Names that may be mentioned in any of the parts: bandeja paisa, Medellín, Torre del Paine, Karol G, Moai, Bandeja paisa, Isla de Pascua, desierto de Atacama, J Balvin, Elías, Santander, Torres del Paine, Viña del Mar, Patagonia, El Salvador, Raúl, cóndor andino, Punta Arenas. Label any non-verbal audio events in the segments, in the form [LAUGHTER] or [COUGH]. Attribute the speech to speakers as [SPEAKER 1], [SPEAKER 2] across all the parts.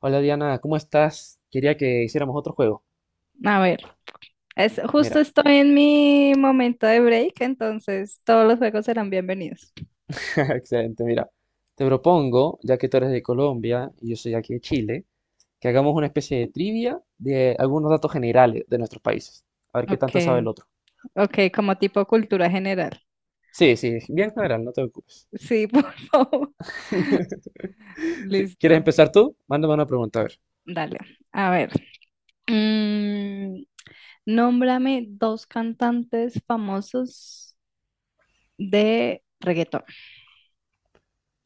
[SPEAKER 1] Hola Diana, ¿cómo estás? Quería que hiciéramos otro juego.
[SPEAKER 2] A ver, es, justo
[SPEAKER 1] Mira,
[SPEAKER 2] estoy en mi momento de break, entonces todos los juegos serán bienvenidos.
[SPEAKER 1] [LAUGHS] excelente, mira. Te propongo, ya que tú eres de Colombia y yo soy aquí de Chile, que hagamos una especie de trivia de algunos datos generales de nuestros países. A ver qué
[SPEAKER 2] Ok,
[SPEAKER 1] tanto sabe el otro.
[SPEAKER 2] ok, como tipo cultura general.
[SPEAKER 1] Sí, sí, bien general, no te preocupes.
[SPEAKER 2] Sí, [LAUGHS] por favor.
[SPEAKER 1] [LAUGHS] Sí, ¿quieres
[SPEAKER 2] Listo,
[SPEAKER 1] empezar tú? Mándame una pregunta, a ver.
[SPEAKER 2] dale. A ver, mm, nómbrame dos cantantes famosos de reggaetón,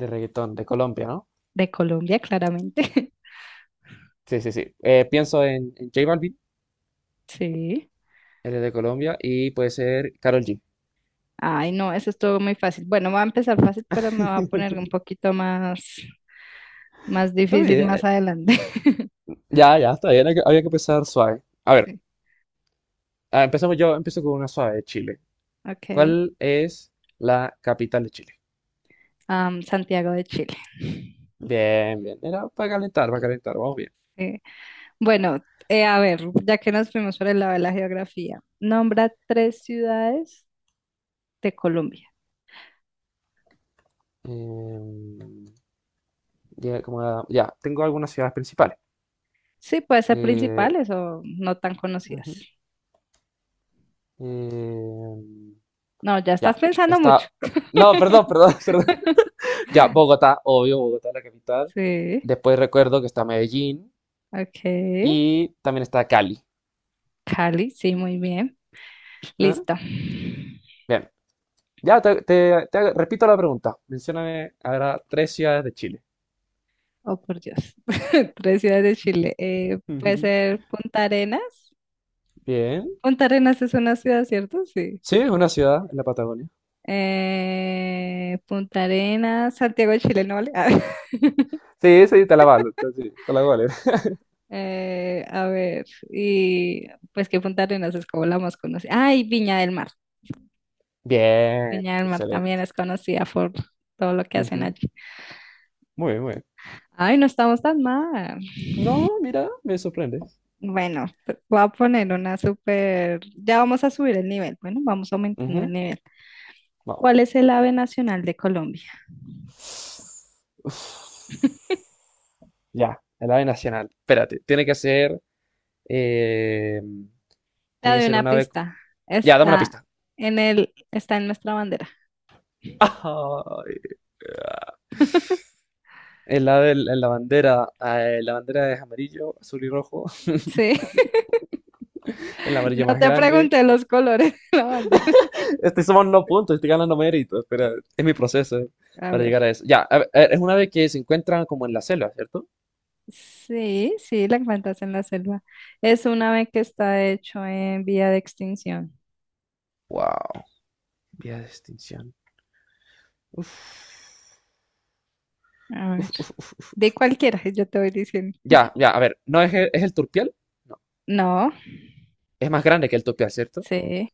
[SPEAKER 1] De reggaetón, de Colombia, ¿no?
[SPEAKER 2] de Colombia, claramente. [LAUGHS]
[SPEAKER 1] Sí, sí, sí. Pienso en J Balvin,
[SPEAKER 2] Sí.
[SPEAKER 1] él es de Colombia, y puede ser Karol G.
[SPEAKER 2] Ay, no, eso estuvo muy fácil. Bueno, va a empezar fácil, pero me va a poner un
[SPEAKER 1] [LAUGHS]
[SPEAKER 2] poquito más, más
[SPEAKER 1] Está
[SPEAKER 2] difícil más
[SPEAKER 1] bien.
[SPEAKER 2] adelante.
[SPEAKER 1] Ya, ya, está bien. Había que empezar suave. A ver.
[SPEAKER 2] [LAUGHS] Sí,
[SPEAKER 1] Ah, empezamos yo, empiezo con una suave de Chile.
[SPEAKER 2] ok.
[SPEAKER 1] ¿Cuál es la capital de Chile?
[SPEAKER 2] Santiago de Chile.
[SPEAKER 1] Bien, bien. Era para calentar, vamos bien.
[SPEAKER 2] Eh, bueno, a ver, ya que nos fuimos por el lado de la geografía, nombra tres ciudades de Colombia.
[SPEAKER 1] Em, ya, ya, tengo algunas ciudades principales.
[SPEAKER 2] Sí, puede ser
[SPEAKER 1] Eh,
[SPEAKER 2] principales o no tan conocidas.
[SPEAKER 1] ujú, em,
[SPEAKER 2] No, ya estás
[SPEAKER 1] ya,
[SPEAKER 2] pensando mucho.
[SPEAKER 1] está. No, perdón,
[SPEAKER 2] [LAUGHS]
[SPEAKER 1] perdón, [LAUGHS] perdón. Ya, Bogotá, obvio, Bogotá es la capital.
[SPEAKER 2] Sí,
[SPEAKER 1] Después recuerdo que está Medellín
[SPEAKER 2] ok.
[SPEAKER 1] y también está Cali.
[SPEAKER 2] Cali, sí, muy bien.
[SPEAKER 1] ¿Ah?
[SPEAKER 2] Listo.
[SPEAKER 1] Bien, ya repito la pregunta. Mencióname ahora tres ciudades de Chile.
[SPEAKER 2] Oh, por Dios. [LAUGHS] Tres ciudades de Chile. Puede
[SPEAKER 1] [LAUGHS]
[SPEAKER 2] ser Punta Arenas.
[SPEAKER 1] Bien.
[SPEAKER 2] Punta Arenas es una ciudad, ¿cierto? Sí.
[SPEAKER 1] Sí, es una ciudad en la Patagonia.
[SPEAKER 2] Punta Arenas, Santiago de Chile, ¿no vale? [LAUGHS]
[SPEAKER 1] Sí, sí, te la valo. Sí, te la vale. [LAUGHS]
[SPEAKER 2] A ver, y pues que Punta Arenas es como la más conocida. Ay, Viña del Mar.
[SPEAKER 1] Bien,
[SPEAKER 2] Viña del Mar también
[SPEAKER 1] excelente.
[SPEAKER 2] es conocida por todo lo que hacen
[SPEAKER 1] Ujú.
[SPEAKER 2] allí.
[SPEAKER 1] Muy bien, muy bien.
[SPEAKER 2] Ay, no estamos tan mal.
[SPEAKER 1] No, mira, me sorprende.
[SPEAKER 2] Bueno, voy a poner una súper. Ya vamos a subir el nivel. Bueno, vamos aumentando el
[SPEAKER 1] Ujú.
[SPEAKER 2] nivel.
[SPEAKER 1] Vamos.
[SPEAKER 2] ¿Cuál es el ave nacional de Colombia?
[SPEAKER 1] Uf. Ya, el ave nacional. Espérate, tiene que ser. eh,
[SPEAKER 2] Te
[SPEAKER 1] tiene que
[SPEAKER 2] doy
[SPEAKER 1] ser
[SPEAKER 2] una
[SPEAKER 1] un ave.
[SPEAKER 2] pista.
[SPEAKER 1] Ya, dame una
[SPEAKER 2] Está
[SPEAKER 1] pista.
[SPEAKER 2] está en nuestra bandera.
[SPEAKER 1] [LAUGHS] Ay, el ave en la bandera. La bandera es amarillo, azul y rojo. [LAUGHS]
[SPEAKER 2] Sí.
[SPEAKER 1] El
[SPEAKER 2] [LAUGHS]
[SPEAKER 1] amarillo
[SPEAKER 2] No
[SPEAKER 1] más
[SPEAKER 2] te
[SPEAKER 1] grande.
[SPEAKER 2] pregunté los colores de la bandera.
[SPEAKER 1] Estoy sumando puntos, estoy ganando méritos, pero es mi proceso
[SPEAKER 2] A
[SPEAKER 1] para
[SPEAKER 2] ver.
[SPEAKER 1] llegar a eso. Ya, a ver, es una vez que se encuentran como en la selva, ¿cierto?
[SPEAKER 2] Sí, sí, la encuentras en la selva. Es un ave que está hecho en vía de extinción.
[SPEAKER 1] Wow, vía de extinción. Uf.
[SPEAKER 2] A ver.
[SPEAKER 1] Uf, uf, uf, uf,
[SPEAKER 2] De
[SPEAKER 1] uf.
[SPEAKER 2] cualquiera, yo te voy diciendo.
[SPEAKER 1] Ya, ya, a ver, ¿no es el turpial? No,
[SPEAKER 2] No,
[SPEAKER 1] es más grande que el turpial, ¿cierto?
[SPEAKER 2] sí,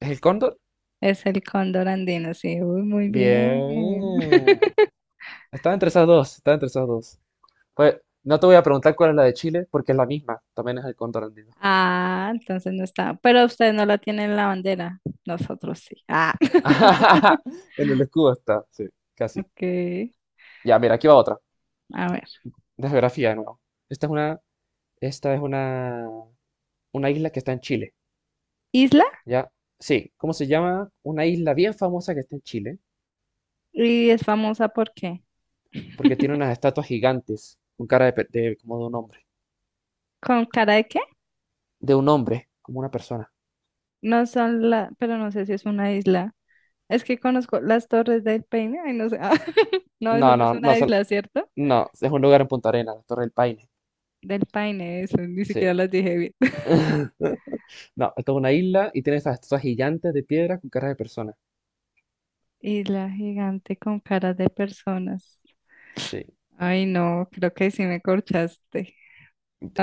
[SPEAKER 1] ¿Es el cóndor?
[SPEAKER 2] es el cóndor andino, sí. Uy, muy bien.
[SPEAKER 1] Bien.
[SPEAKER 2] [LAUGHS]
[SPEAKER 1] Estaba entre esas dos, estaba entre esas dos. Pues no te voy a preguntar cuál es la de Chile, porque es la misma, también es el cóndor andino.
[SPEAKER 2] Ah, entonces no está. Pero ustedes no la tienen en la bandera. Nosotros sí. Ah.
[SPEAKER 1] [LAUGHS]
[SPEAKER 2] [LAUGHS]
[SPEAKER 1] En el escudo está, sí, casi.
[SPEAKER 2] Ok.
[SPEAKER 1] Ya, mira, aquí va otra
[SPEAKER 2] A ver.
[SPEAKER 1] de geografía de nuevo. Esta es una, esta es una isla que está en Chile,
[SPEAKER 2] Isla
[SPEAKER 1] ¿ya? Sí, ¿cómo se llama? Una isla bien famosa que está en Chile,
[SPEAKER 2] y es famosa, ¿por qué?
[SPEAKER 1] porque tiene
[SPEAKER 2] [LAUGHS]
[SPEAKER 1] unas estatuas gigantes con cara de, como
[SPEAKER 2] ¿Con cara de qué?
[SPEAKER 1] de un hombre, como una persona.
[SPEAKER 2] No son la, pero no sé si es una isla. Es que conozco las Torres del Paine. Ay, no sé. Ah, [LAUGHS] no, eso
[SPEAKER 1] No,
[SPEAKER 2] no es
[SPEAKER 1] no, no,
[SPEAKER 2] una isla, ¿cierto?
[SPEAKER 1] no, es un lugar en Punta Arenas, la Torre del Paine.
[SPEAKER 2] Del Paine, eso, ni
[SPEAKER 1] Sí.
[SPEAKER 2] siquiera las dije bien. [LAUGHS]
[SPEAKER 1] [LAUGHS] No, esto es una isla y tiene esas estatuas gigantes de piedra con cara de persona.
[SPEAKER 2] Isla gigante con caras de personas.
[SPEAKER 1] Sí.
[SPEAKER 2] Ay, no, creo que sí me corchaste.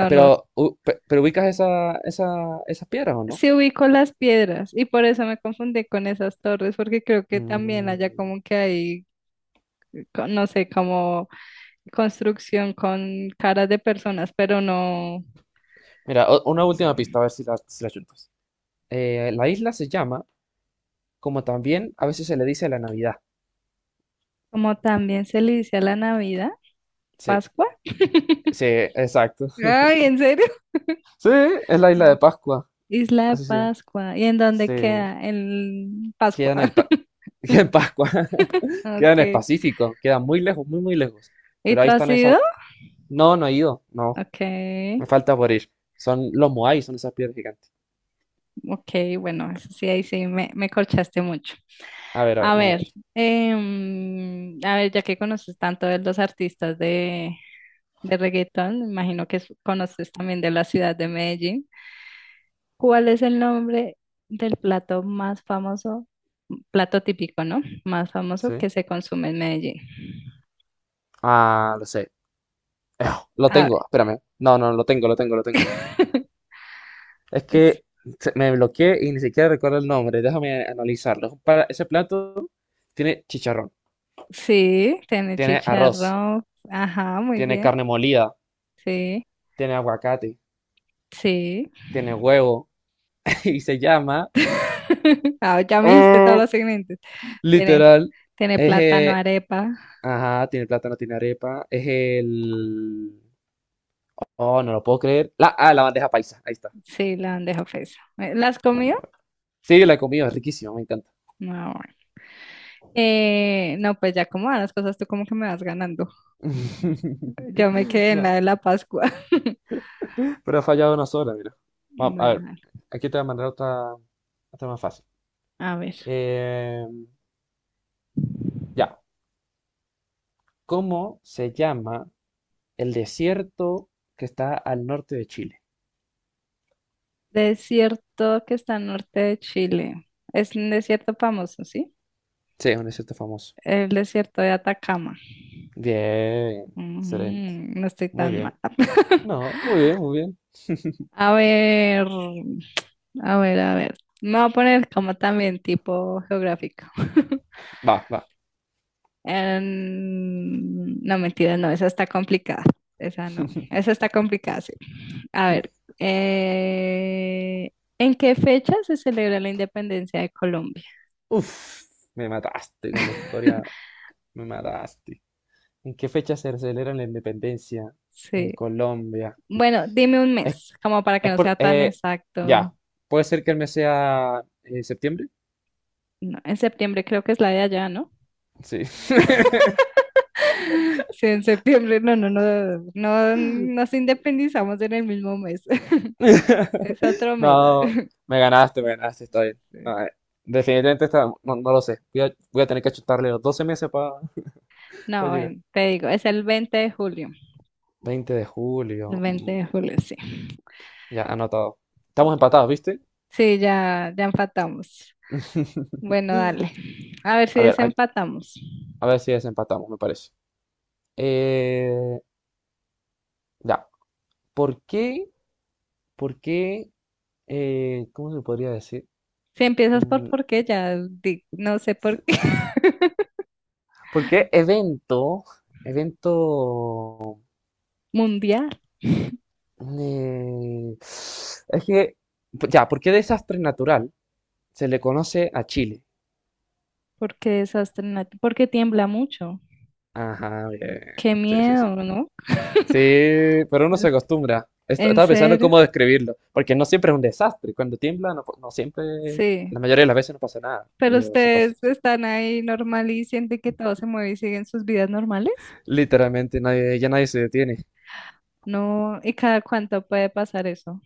[SPEAKER 1] Ah, pero,
[SPEAKER 2] no.
[SPEAKER 1] pero ubicas esa, esas piedras, ¿o no?
[SPEAKER 2] Sí ubico las piedras y por eso me confundí con esas torres, porque creo que también allá
[SPEAKER 1] Mm,
[SPEAKER 2] como que hay, no sé, como construcción con caras de personas, pero no,
[SPEAKER 1] Mira, una última pista, a ver si la, si la chutas. La isla se llama, como también a veces se le dice la Navidad.
[SPEAKER 2] como también se le dice a la Navidad.
[SPEAKER 1] Sí,
[SPEAKER 2] Pascua.
[SPEAKER 1] sí,
[SPEAKER 2] [LAUGHS]
[SPEAKER 1] exacto.
[SPEAKER 2] Ay, ¿en serio?
[SPEAKER 1] Sí, es la isla
[SPEAKER 2] Ah,
[SPEAKER 1] de Pascua,
[SPEAKER 2] Isla de
[SPEAKER 1] así se llama.
[SPEAKER 2] Pascua. ¿Y en dónde
[SPEAKER 1] Sí,
[SPEAKER 2] queda? En Pascua.
[SPEAKER 1] queda en el pa- [LAUGHS] queda en
[SPEAKER 2] [LAUGHS]
[SPEAKER 1] Pascua, [LAUGHS] queda en el
[SPEAKER 2] Ok.
[SPEAKER 1] Pacífico, queda muy lejos, muy, muy lejos.
[SPEAKER 2] ¿Y
[SPEAKER 1] Pero
[SPEAKER 2] tú
[SPEAKER 1] ahí
[SPEAKER 2] has
[SPEAKER 1] están esas.
[SPEAKER 2] ido?
[SPEAKER 1] No, no he ido, no,
[SPEAKER 2] Ok.
[SPEAKER 1] me falta por ir. Son los Moai, son esas piedras gigantes.
[SPEAKER 2] Ok, bueno, eso sí, ahí sí, me corchaste mucho.
[SPEAKER 1] A
[SPEAKER 2] A
[SPEAKER 1] ver, manda
[SPEAKER 2] ver,
[SPEAKER 1] otro.
[SPEAKER 2] a ver, ya que conoces tanto de los artistas de reggaetón, me imagino que conoces también de la ciudad de Medellín. ¿Cuál es el nombre del plato más famoso, plato típico, ¿no? Más famoso
[SPEAKER 1] Sí.
[SPEAKER 2] que se consume en Medellín.
[SPEAKER 1] Ah, lo sé. Ejo, lo
[SPEAKER 2] A
[SPEAKER 1] tengo,
[SPEAKER 2] ver,
[SPEAKER 1] espérame. No, no, lo tengo, lo tengo, lo tengo.
[SPEAKER 2] [LAUGHS]
[SPEAKER 1] Es
[SPEAKER 2] es-
[SPEAKER 1] que me bloqueé y ni siquiera recuerdo el nombre. Déjame analizarlo. Ese plato tiene chicharrón,
[SPEAKER 2] sí, tiene
[SPEAKER 1] tiene arroz,
[SPEAKER 2] chicharrón. Ajá, muy
[SPEAKER 1] tiene
[SPEAKER 2] bien.
[SPEAKER 1] carne molida,
[SPEAKER 2] Sí,
[SPEAKER 1] tiene aguacate,
[SPEAKER 2] sí.
[SPEAKER 1] tiene huevo [LAUGHS] y se llama
[SPEAKER 2] [LAUGHS] Ah, ya me dijiste todos
[SPEAKER 1] oh,
[SPEAKER 2] los segmentos. Tiene,
[SPEAKER 1] literal.
[SPEAKER 2] tiene
[SPEAKER 1] Es,
[SPEAKER 2] plátano,
[SPEAKER 1] eh,
[SPEAKER 2] arepa.
[SPEAKER 1] ajá, tiene plátano, tiene arepa. Es el. Oh, no lo puedo creer. La bandeja paisa. Ahí está.
[SPEAKER 2] Sí, la bandeja paisa. ¿La has comido?
[SPEAKER 1] Bandeja- Sí, la he comido, es riquísima, me encanta.
[SPEAKER 2] No, bueno. No, pues ya como van las cosas, tú como que me vas ganando. Yo me
[SPEAKER 1] [LAUGHS]
[SPEAKER 2] quedé en
[SPEAKER 1] No,
[SPEAKER 2] la de la Pascua. [LAUGHS]
[SPEAKER 1] pero ha fallado una sola, mira. Vamos, a
[SPEAKER 2] Bueno,
[SPEAKER 1] ver, aquí te voy a mandar otra, más fácil.
[SPEAKER 2] a ver.
[SPEAKER 1] Eh, ya, ¿cómo se llama el desierto que está al norte de Chile?
[SPEAKER 2] Desierto que está al norte de Chile. Es un desierto famoso, ¿sí?
[SPEAKER 1] Sí, es un desierto famoso.
[SPEAKER 2] El desierto de Atacama.
[SPEAKER 1] Bien, excelente.
[SPEAKER 2] Mm, no estoy
[SPEAKER 1] Muy
[SPEAKER 2] tan mal.
[SPEAKER 1] bien.
[SPEAKER 2] [LAUGHS]
[SPEAKER 1] No, muy bien, muy bien.
[SPEAKER 2] A ver, a ver, a ver. Me voy a poner como también tipo geográfico. [LAUGHS]
[SPEAKER 1] Va, va.
[SPEAKER 2] No, mentira, no, esa está complicada. Esa no,
[SPEAKER 1] [LAUGHS]
[SPEAKER 2] esa está complicada, sí. A ver, eh, ¿en qué fecha se celebra la independencia de Colombia?
[SPEAKER 1] Uf, me mataste con la historia,
[SPEAKER 2] [LAUGHS]
[SPEAKER 1] me mataste. ¿En qué fecha se celebra la independencia?
[SPEAKER 2] Sí.
[SPEAKER 1] En Colombia.
[SPEAKER 2] Bueno, dime un mes, como para que
[SPEAKER 1] Es
[SPEAKER 2] no
[SPEAKER 1] por,
[SPEAKER 2] sea tan
[SPEAKER 1] eh, ya,
[SPEAKER 2] exacto.
[SPEAKER 1] puede ser que el mes sea septiembre.
[SPEAKER 2] No, en septiembre creo que es la de allá, ¿no?
[SPEAKER 1] Sí.
[SPEAKER 2] [LAUGHS] Sí, en septiembre, no, no, no, no nos independizamos en el mismo mes. [LAUGHS] Es
[SPEAKER 1] [LAUGHS]
[SPEAKER 2] otro mes.
[SPEAKER 1] No, me ganaste, está
[SPEAKER 2] [LAUGHS]
[SPEAKER 1] bien. No,
[SPEAKER 2] Sí.
[SPEAKER 1] definitivamente está, no, no lo sé. Voy a tener que chutarle los 12 meses para
[SPEAKER 2] No,
[SPEAKER 1] llegar.
[SPEAKER 2] ven, te digo, es el 20 de julio.
[SPEAKER 1] 20 de
[SPEAKER 2] El
[SPEAKER 1] julio.
[SPEAKER 2] 20 de julio, sí.
[SPEAKER 1] Ya, anotado. Estamos empatados, ¿viste?
[SPEAKER 2] Sí, ya, ya empatamos.
[SPEAKER 1] [LAUGHS]
[SPEAKER 2] Bueno, dale. A ver si
[SPEAKER 1] A ver, hay-
[SPEAKER 2] desempatamos.
[SPEAKER 1] a ver si desempatamos, me parece. Eh, ya, ¿por qué? ¿Por qué? ¿Cómo se podría decir?
[SPEAKER 2] Si empiezas
[SPEAKER 1] Mm,
[SPEAKER 2] por qué, ya no sé por qué. [LAUGHS]
[SPEAKER 1] Porque evento,
[SPEAKER 2] Mundial,
[SPEAKER 1] es que, pues, ya, ¿por qué desastre natural se le conoce a Chile?
[SPEAKER 2] porque porque tiembla mucho.
[SPEAKER 1] Ajá, bien,
[SPEAKER 2] Qué
[SPEAKER 1] sí, sí, sí.
[SPEAKER 2] miedo, ¿no?
[SPEAKER 1] Sí, pero uno se
[SPEAKER 2] Es-
[SPEAKER 1] acostumbra. Est-
[SPEAKER 2] En
[SPEAKER 1] Estaba pensando en
[SPEAKER 2] serio,
[SPEAKER 1] cómo describirlo, porque no siempre es un desastre. Cuando tiembla, no, no siempre,
[SPEAKER 2] sí.
[SPEAKER 1] la mayoría de las veces no pasa nada,
[SPEAKER 2] Pero
[SPEAKER 1] pero sí pasa.
[SPEAKER 2] ustedes están ahí normal y sienten que todo se mueve y siguen sus vidas normales.
[SPEAKER 1] Literalmente, nadie, ya nadie se detiene.
[SPEAKER 2] No, ¿y cada cuánto puede pasar eso?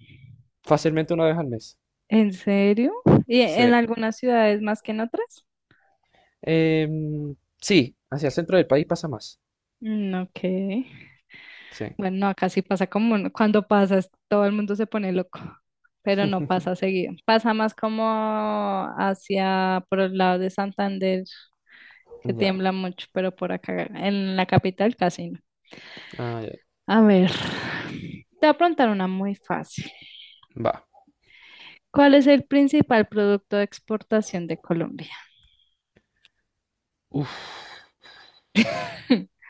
[SPEAKER 1] Fácilmente una vez al mes.
[SPEAKER 2] ¿En serio? ¿Y en
[SPEAKER 1] Sí.
[SPEAKER 2] algunas ciudades más que en otras?
[SPEAKER 1] Sí, hacia el centro del país pasa más.
[SPEAKER 2] Mm, ok.
[SPEAKER 1] Sí.
[SPEAKER 2] Bueno, no, acá sí pasa, como, ¿no? cuando pasas, todo el mundo se pone loco, pero no pasa seguido. Pasa más como hacia por el lado de Santander, que
[SPEAKER 1] Ya.
[SPEAKER 2] tiembla mucho, pero por acá, en la capital casi no.
[SPEAKER 1] Ah, ya.
[SPEAKER 2] A ver, te voy a preguntar una muy fácil.
[SPEAKER 1] Va.
[SPEAKER 2] ¿Cuál es el principal producto de exportación de Colombia?
[SPEAKER 1] Uf,
[SPEAKER 2] [LAUGHS]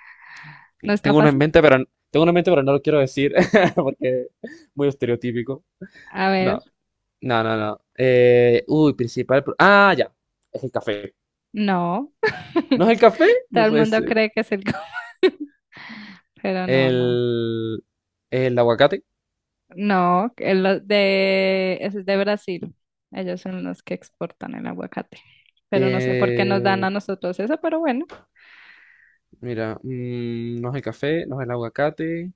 [SPEAKER 2] ¿No está
[SPEAKER 1] tengo una en
[SPEAKER 2] fácil?
[SPEAKER 1] mente, pero tengo una en mente, pero no lo quiero decir [LAUGHS] porque muy estereotípico.
[SPEAKER 2] A ver,
[SPEAKER 1] No, no, no, no. Uy, principal. Ah, ya. Es el café.
[SPEAKER 2] no.
[SPEAKER 1] ¿No es el café?
[SPEAKER 2] Todo
[SPEAKER 1] No
[SPEAKER 2] el
[SPEAKER 1] puede
[SPEAKER 2] mundo
[SPEAKER 1] ser.
[SPEAKER 2] cree que es el. [LAUGHS] Pero no, no.
[SPEAKER 1] El, el aguacate.
[SPEAKER 2] No, es de Brasil. Ellos son los que exportan el aguacate. Pero no sé por qué nos dan
[SPEAKER 1] Eh,
[SPEAKER 2] a nosotros eso, pero bueno.
[SPEAKER 1] mira, no es el café, no es el aguacate.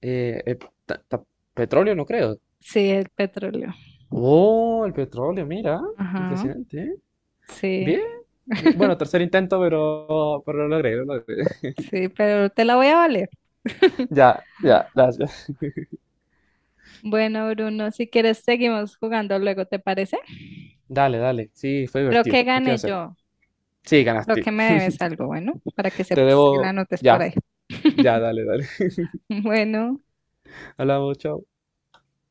[SPEAKER 1] Eh, eh, ta- ta- petróleo, no creo.
[SPEAKER 2] Sí, el petróleo.
[SPEAKER 1] Oh, el petróleo, mira.
[SPEAKER 2] Ajá,
[SPEAKER 1] Impresionante, ¿eh?
[SPEAKER 2] sí.
[SPEAKER 1] Bien. Bueno,
[SPEAKER 2] [LAUGHS]
[SPEAKER 1] tercer intento, pero, lo logré, lo logré.
[SPEAKER 2] Sí, pero te la voy a valer. [LAUGHS]
[SPEAKER 1] Ya, ya, gracias.
[SPEAKER 2] Bueno, Bruno, si quieres seguimos jugando luego, ¿te parece?
[SPEAKER 1] Dale, dale. Sí, fue
[SPEAKER 2] Creo que
[SPEAKER 1] divertido. Hay que
[SPEAKER 2] gané
[SPEAKER 1] hacerlo.
[SPEAKER 2] yo.
[SPEAKER 1] Sí,
[SPEAKER 2] Creo que
[SPEAKER 1] ganaste.
[SPEAKER 2] me debes algo, bueno, para que
[SPEAKER 1] Te
[SPEAKER 2] sepas y la
[SPEAKER 1] debo.
[SPEAKER 2] anotes por
[SPEAKER 1] Ya,
[SPEAKER 2] ahí.
[SPEAKER 1] ya,
[SPEAKER 2] [LAUGHS]
[SPEAKER 1] dale, dale.
[SPEAKER 2] Bueno.
[SPEAKER 1] [LAUGHS] Hablamos, chao.